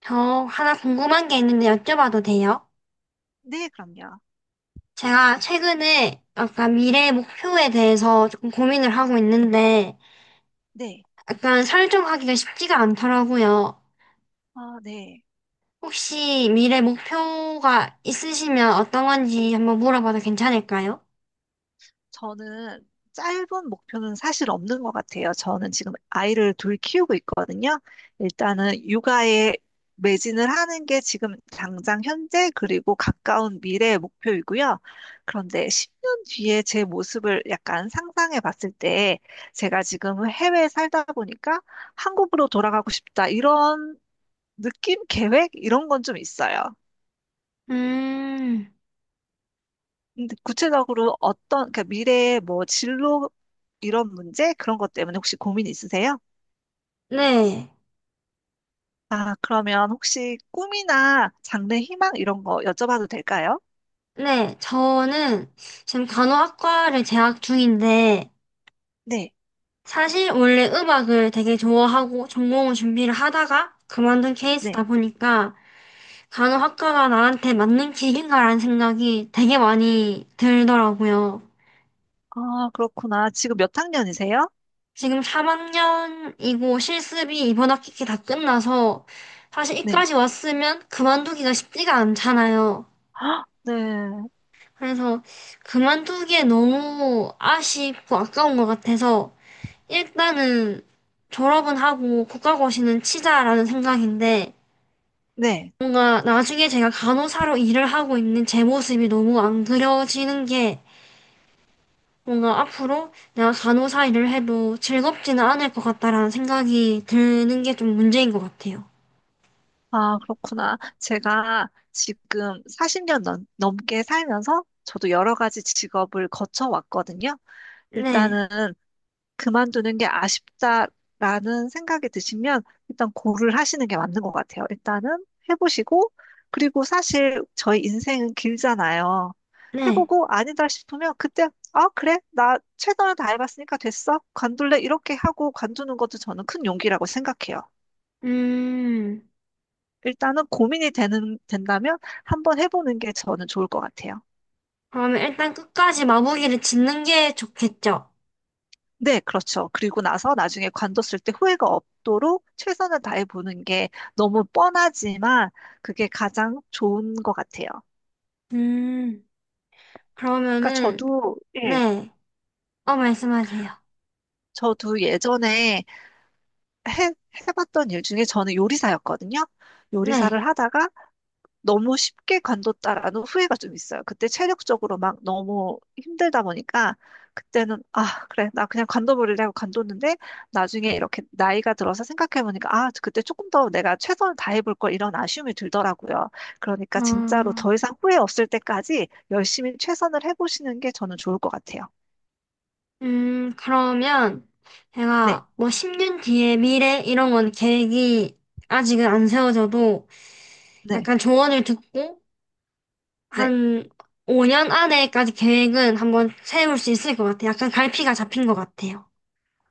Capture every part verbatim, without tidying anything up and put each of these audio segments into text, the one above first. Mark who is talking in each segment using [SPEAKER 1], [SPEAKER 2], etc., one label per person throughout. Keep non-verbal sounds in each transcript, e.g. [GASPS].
[SPEAKER 1] 저 하나 궁금한 게 있는데 여쭤봐도 돼요?
[SPEAKER 2] 네, 그럼요.
[SPEAKER 1] 제가 최근에 약간 미래 목표에 대해서 조금 고민을 하고 있는데
[SPEAKER 2] 네.
[SPEAKER 1] 약간 설정하기가 쉽지가 않더라고요.
[SPEAKER 2] 아, 네.
[SPEAKER 1] 혹시 미래 목표가 있으시면 어떤 건지 한번 물어봐도 괜찮을까요?
[SPEAKER 2] 저는 짧은 목표는 사실 없는 것 같아요. 저는 지금 아이를 둘 키우고 있거든요. 일단은 육아에 매진을 하는 게 지금 당장 현재 그리고 가까운 미래의 목표이고요. 그런데 십 년 뒤에 제 모습을 약간 상상해 봤을 때 제가 지금 해외에 살다 보니까 한국으로 돌아가고 싶다. 이런 느낌, 계획, 이런 건 좀 있어요.
[SPEAKER 1] 음,
[SPEAKER 2] 근데 구체적으로 어떤, 그러니까 미래의 뭐 진로 이런 문제? 그런 것 때문에 혹시 고민 있으세요?
[SPEAKER 1] 네.
[SPEAKER 2] 아, 그러면 혹시 꿈이나 장래 희망 이런 거 여쭤봐도 될까요?
[SPEAKER 1] 네, 저는 지금 간호학과를 재학 중인데
[SPEAKER 2] 네,
[SPEAKER 1] 사실 원래 음악을 되게 좋아하고 전공을 준비를 하다가 그만둔
[SPEAKER 2] 네.
[SPEAKER 1] 케이스다 보니까 간호학과가 나한테 맞는 길인가라는 생각이 되게 많이 들더라고요.
[SPEAKER 2] 아, 그렇구나. 지금 몇 학년이세요?
[SPEAKER 1] 지금 삼 학년이고 실습이 이번 학기 다 끝나서 사실
[SPEAKER 2] 네.
[SPEAKER 1] 이까지 왔으면 그만두기가 쉽지가 않잖아요.
[SPEAKER 2] [GASPS] 아, 네,
[SPEAKER 1] 그래서 그만두기에 너무 아쉽고 아까운 것 같아서 일단은 졸업은 하고 국가고시는 치자라는 생각인데
[SPEAKER 2] 네.
[SPEAKER 1] 뭔가 나중에 제가 간호사로 일을 하고 있는 제 모습이 너무 안 그려지는 게 뭔가 앞으로 내가 간호사 일을 해도 즐겁지는 않을 것 같다라는 생각이 드는 게 좀 문제인 것 같아요.
[SPEAKER 2] 아, 그렇구나. 제가 지금 사십 년 넘, 넘게 살면서 저도 여러 가지 직업을 거쳐왔거든요.
[SPEAKER 1] 네,
[SPEAKER 2] 일단은 그만두는 게 아쉽다라는 생각이 드시면 일단 고를 하시는 게 맞는 것 같아요. 일단은 해보시고, 그리고 사실 저희 인생은 길잖아요.
[SPEAKER 1] 네.
[SPEAKER 2] 해보고 아니다 싶으면 그때, 아, 그래? 나 최선을 다해봤으니까 됐어? 관둘래? 이렇게 하고 관두는 것도 저는 큰 용기라고 생각해요.
[SPEAKER 1] 음,
[SPEAKER 2] 일단은 고민이 되는, 된다면 한번 해보는 게 저는 좋을 것 같아요.
[SPEAKER 1] 그러면 일단 끝까지 마무리를 짓는 게 좋겠죠?
[SPEAKER 2] 네, 그렇죠. 그리고 나서 나중에 관뒀을 때 후회가 없도록 최선을 다해 보는 게 너무 뻔하지만 그게 가장 좋은 것 같아요.
[SPEAKER 1] 음,
[SPEAKER 2] 그러니까
[SPEAKER 1] 그러면은,
[SPEAKER 2] 저도, 예,
[SPEAKER 1] 네. 어, 말씀하세요.
[SPEAKER 2] 저도 예전에 해, 해봤던 일 중에 저는 요리사였거든요.
[SPEAKER 1] 네.
[SPEAKER 2] 요리사를 하다가 너무 쉽게 관뒀다라는 후회가 좀 있어요. 그때 체력적으로 막 너무 힘들다 보니까 그때는 아, 그래. 나 그냥 관둬버리려고 관뒀는데 나중에 이렇게 나이가 들어서 생각해보니까 아, 그때 조금 더 내가 최선을 다해볼 걸 이런 아쉬움이 들더라고요. 그러니까 진짜로
[SPEAKER 1] 어,
[SPEAKER 2] 더 이상 후회 없을 때까지 열심히 최선을 해보시는 게 저는 좋을 것 같아요.
[SPEAKER 1] 음, 그러면
[SPEAKER 2] 네,
[SPEAKER 1] 제가 뭐 십 년 뒤의 미래 이런 건 계획이 아직은 안 세워져도
[SPEAKER 2] 네,
[SPEAKER 1] 약간 조언을 듣고
[SPEAKER 2] 네.
[SPEAKER 1] 한 오 년 안에까지 계획은 한번 세울 수 있을 것 같아요. 약간 갈피가 잡힌 것 같아요.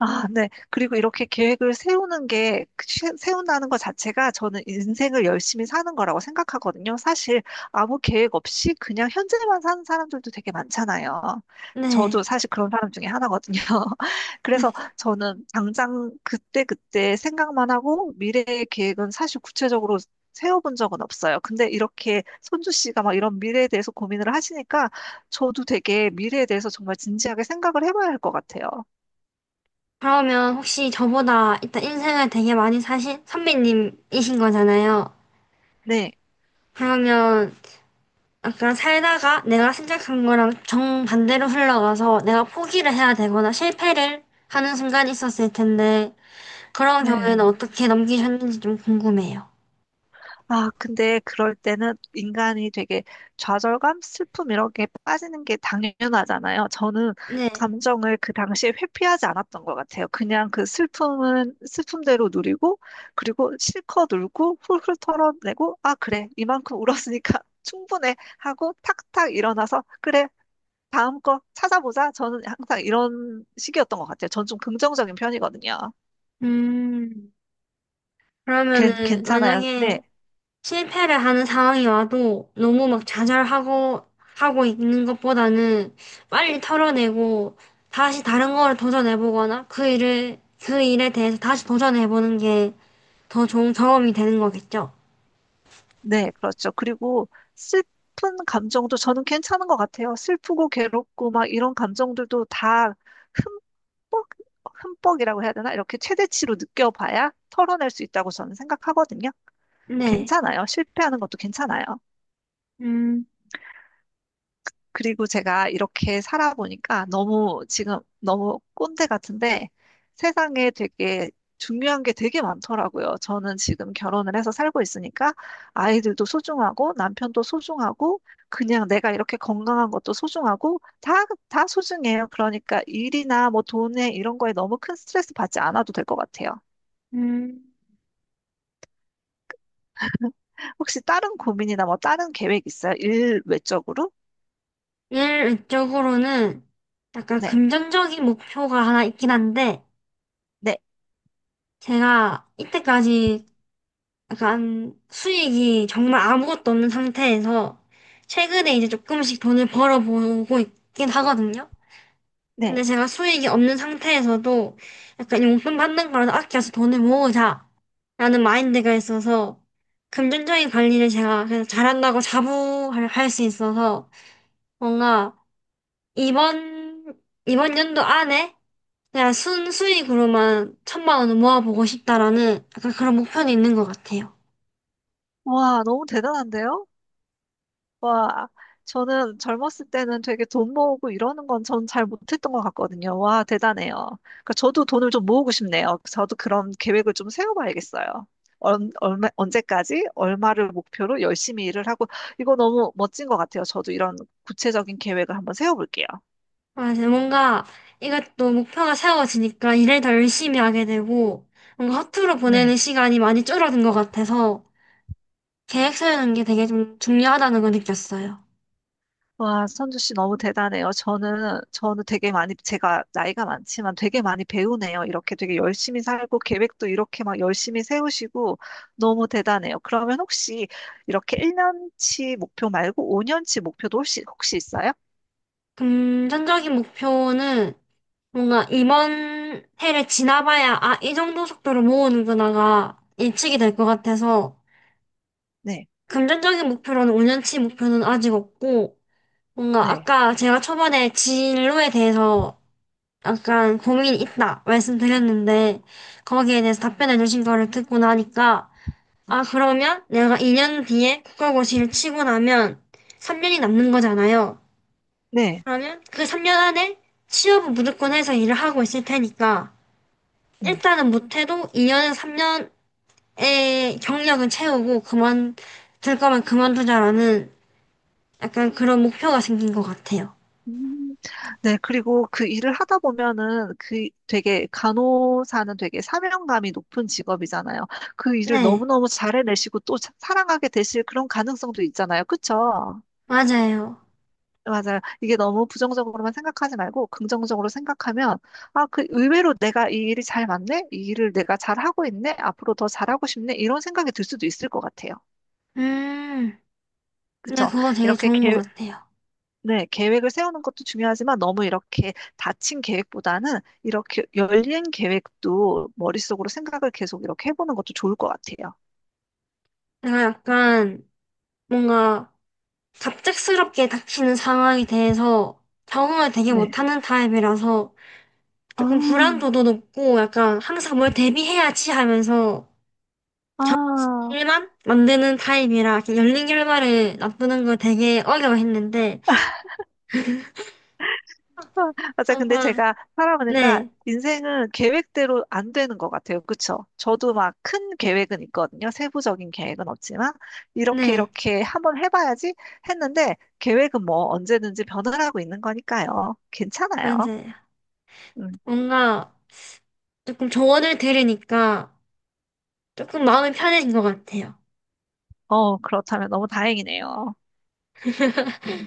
[SPEAKER 2] 아, 네. 그리고 이렇게 계획을 세우는 게, 그 시- 세운다는 것 자체가 저는 인생을 열심히 사는 거라고 생각하거든요. 사실 아무 계획 없이 그냥 현재만 사는 사람들도 되게 많잖아요. 저도
[SPEAKER 1] 네.
[SPEAKER 2] 사실 그런 사람 중에 하나거든요. [LAUGHS] 그래서
[SPEAKER 1] [LAUGHS]
[SPEAKER 2] 저는 당장 그때그때 생각만 하고 미래의 계획은 사실 구체적으로 세워본 적은 없어요. 근데 이렇게 손주 씨가 막 이런 미래에 대해서 고민을 하시니까 저도 되게 미래에 대해서 정말 진지하게 생각을 해봐야 할 것 같아요.
[SPEAKER 1] 그러면 혹시 저보다 일단 인생을 되게 많이 사신 선배님이신 거잖아요.
[SPEAKER 2] 네.
[SPEAKER 1] 그러면 약간 살다가 내가 생각한 거랑 정반대로 흘러가서 내가 포기를 해야 되거나 실패를 하는 순간이 있었을 텐데 그런 경우에는
[SPEAKER 2] 네.
[SPEAKER 1] 어떻게 넘기셨는지 좀 궁금해요.
[SPEAKER 2] 아, 근데 그럴 때는 인간이 되게 좌절감, 슬픔 이런 게 빠지는 게 당연하잖아요. 저는
[SPEAKER 1] 네.
[SPEAKER 2] 감정을 그 당시에 회피하지 않았던 것 같아요. 그냥 그 슬픔은 슬픔대로 누리고, 그리고 실컷 울고, 훌훌 털어내고, 아, 그래. 이만큼 울었으니까 [LAUGHS] 충분해. 하고 탁탁 일어나서, 그래. 다음 거 찾아보자. 저는 항상 이런 식이었던 것 같아요. 전 좀 긍정적인 편이거든요.
[SPEAKER 1] 음,
[SPEAKER 2] 괜,
[SPEAKER 1] 그러면은
[SPEAKER 2] 괜찮아요. 네.
[SPEAKER 1] 만약에 실패를 하는 상황이 와도 너무 막 좌절하고 하고 있는 것보다는 빨리 털어내고 다시 다른 거를 도전해보거나 그 일을 그 일에 대해서 다시 도전해보는 게 더 좋은 경험이 되는 거겠죠.
[SPEAKER 2] 네, 그렇죠. 그리고 슬픈 감정도 저는 괜찮은 것 같아요. 슬프고 괴롭고 막 이런 감정들도 다 흠뻑, 흠뻑이라고 해야 되나? 이렇게 최대치로 느껴봐야 털어낼 수 있다고 저는 생각하거든요.
[SPEAKER 1] 네.
[SPEAKER 2] 괜찮아요. 실패하는 것도 괜찮아요.
[SPEAKER 1] 음,
[SPEAKER 2] 그리고 제가 이렇게 살아보니까 너무 지금 너무 꼰대 같은데 세상에 되게 중요한 게 되게 많더라고요. 저는 지금 결혼을 해서 살고 있으니까 아이들도 소중하고 남편도 소중하고 그냥 내가 이렇게 건강한 것도 소중하고 다, 다 소중해요. 그러니까 일이나 뭐 돈에 이런 거에 너무 큰 스트레스 받지 않아도 될 것 같아요.
[SPEAKER 1] 음.
[SPEAKER 2] 혹시 다른 고민이나 뭐 다른 계획 있어요? 일 외적으로?
[SPEAKER 1] 일 외적으로는 약간
[SPEAKER 2] 네,
[SPEAKER 1] 금전적인 목표가 하나 있긴 한데
[SPEAKER 2] 네,
[SPEAKER 1] 제가 이때까지 약간 수익이 정말 아무것도 없는 상태에서 최근에 이제 조금씩 돈을 벌어보고 있긴 하거든요.
[SPEAKER 2] 네.
[SPEAKER 1] 근데 제가 수익이 없는 상태에서도 약간 용돈 받는 거라도 아껴서 돈을 모으자 라는 마인드가 있어서 금전적인 관리를 제가 그냥 잘한다고 자부할 할수 있어서 뭔가 이번 이번 연도 안에 그냥 순수익으로만 천만 원을 모아보고 싶다라는 약간 그런 목표는 있는 것 같아요.
[SPEAKER 2] 와, 너무 대단한데요? 와, 저는 젊었을 때는 되게 돈 모으고 이러는 건 전 잘 못했던 것 같거든요. 와, 대단해요. 그러니까 저도 돈을 좀 모으고 싶네요. 저도 그런 계획을 좀 세워봐야겠어요. 얼, 얼마, 언제까지 얼마를 목표로 열심히 일을 하고, 이거 너무 멋진 것 같아요. 저도 이런 구체적인 계획을 한번 세워볼게요.
[SPEAKER 1] 맞아. 뭔가 이것도 목표가 세워지니까 일을 더 열심히 하게 되고, 뭔가 허투루 보내는
[SPEAKER 2] 네.
[SPEAKER 1] 시간이 많이 줄어든 것 같아서 계획 세우는 게 되게 좀 중요하다는 걸 느꼈어요.
[SPEAKER 2] 와, 선주 씨 너무 대단해요. 저는, 저는 되게 많이, 제가 나이가 많지만 되게 많이 배우네요. 이렇게 되게 열심히 살고 계획도 이렇게 막 열심히 세우시고 너무 대단해요. 그러면 혹시 이렇게 일 년 치 목표 말고 오 년 치 목표도 혹시, 혹시 있어요?
[SPEAKER 1] 금전적인 목표는 뭔가 이번 해를 지나봐야 아, 이 정도 속도로 모으는구나가 예측이 될 것 같아서
[SPEAKER 2] 네,
[SPEAKER 1] 금전적인 목표로는 오 년 치 목표는 아직 없고 뭔가
[SPEAKER 2] 네,
[SPEAKER 1] 아까 제가 초반에 진로에 대해서 약간 고민이 있다 말씀드렸는데 거기에 대해서 답변해 주신 거를 듣고 나니까 아 그러면 내가 이 년 뒤에 국가고시를 치고 나면 삼 년이 남는 거잖아요.
[SPEAKER 2] 네,
[SPEAKER 1] 그러면 그 삼 년 안에 취업은 무조건 해서 일을 하고 있을 테니까
[SPEAKER 2] 네.
[SPEAKER 1] 일단은 못해도 이 년에서 삼 년의 경력은 채우고 그만둘 거면 그만두자라는 약간 그런 목표가 생긴 것 같아요.
[SPEAKER 2] 음, 네, 그리고 그 일을 하다 보면은 그 되게 간호사는 되게 사명감이 높은 직업이잖아요. 그 일을
[SPEAKER 1] 네,
[SPEAKER 2] 너무너무 잘해내시고 또 사- 사랑하게 되실 그런 가능성도 있잖아요. 그쵸?
[SPEAKER 1] 맞아요.
[SPEAKER 2] 맞아요. 이게 너무 부정적으로만 생각하지 말고 긍정적으로 생각하면 아, 그 의외로 내가 이 일이 잘 맞네? 이 일을 내가 잘하고 있네? 앞으로 더 잘하고 싶네? 이런 생각이 들 수도 있을 것 같아요.
[SPEAKER 1] 음, 네,
[SPEAKER 2] 그쵸?
[SPEAKER 1] 그거 되게
[SPEAKER 2] 이렇게
[SPEAKER 1] 좋은 것 같아요.
[SPEAKER 2] 네, 계획을 세우는 것도 중요하지만 너무 이렇게 닫힌 계획보다는 이렇게 열린 계획도 머릿속으로 생각을 계속 이렇게 해보는 것도 좋을 것 같아요.
[SPEAKER 1] 제가 약간 뭔가 갑작스럽게 닥치는 상황에 대해서 적응을 되게
[SPEAKER 2] 네.
[SPEAKER 1] 못하는 타입이라서
[SPEAKER 2] 아, 아,
[SPEAKER 1] 조금 불안도도 높고 약간 항상 뭘 대비해야지 하면서
[SPEAKER 2] [LAUGHS]
[SPEAKER 1] 정신만 만드는 타입이라 이렇게 열린 결과를 납부는 걸 되게 어려워했는데
[SPEAKER 2] 아, 맞아. 근데
[SPEAKER 1] 한번
[SPEAKER 2] 제가 살아보니까
[SPEAKER 1] 네,
[SPEAKER 2] 인생은 계획대로 안 되는 것 같아요. 그쵸? 저도 막 큰 계획은 있거든요. 세부적인 계획은 없지만 이렇게
[SPEAKER 1] 네,
[SPEAKER 2] 이렇게 한번 해봐야지 했는데 계획은 뭐 언제든지 변화하고 있는 거니까요. 괜찮아요.
[SPEAKER 1] 맞아요.
[SPEAKER 2] 음.
[SPEAKER 1] 뭔가 조금 조언을 들으니까 조금 마음이 편해진 것 같아요.
[SPEAKER 2] 어, 그렇다면 너무 다행이네요.
[SPEAKER 1] [LAUGHS]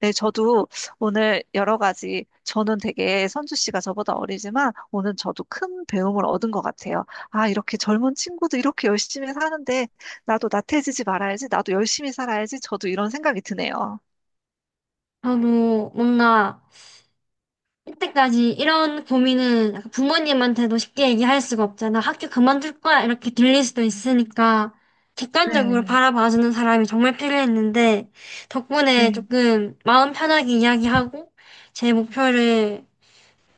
[SPEAKER 2] 네, 저도 오늘 여러 가지, 저는 되게 선주 씨가 저보다 어리지만 오늘 저도 큰 배움을 얻은 것 같아요. 아, 이렇게 젊은 친구도 이렇게 열심히 사는데 나도 나태해지지 말아야지, 나도 열심히 살아야지, 저도 이런 생각이 드네요.
[SPEAKER 1] 저도 뭔가 이때까지 이런 고민은 약간 부모님한테도 쉽게 얘기할 수가 없잖아. 학교 그만둘 거야. 이렇게 들릴 수도 있으니까 객관적으로
[SPEAKER 2] 네,
[SPEAKER 1] 바라봐주는 사람이 정말 필요했는데 덕분에
[SPEAKER 2] 네,
[SPEAKER 1] 조금 마음 편하게 이야기하고 제 목표를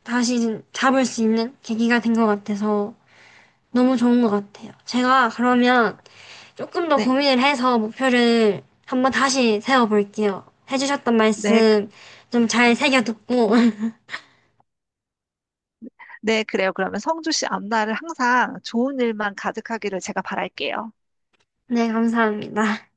[SPEAKER 1] 다시 잡을 수 있는 계기가 된 것 같아서 너무 좋은 것 같아요. 제가 그러면 조금 더
[SPEAKER 2] 네,
[SPEAKER 1] 고민을 해서 목표를 한번 다시 세워볼게요. 해주셨던
[SPEAKER 2] 네,
[SPEAKER 1] 말씀 좀 잘 새겨듣고
[SPEAKER 2] 네, 그래요. 그러면 성주 씨 앞날을 항상 좋은 일만 가득하기를 제가 바랄게요.
[SPEAKER 1] [LAUGHS] 네, 감사합니다.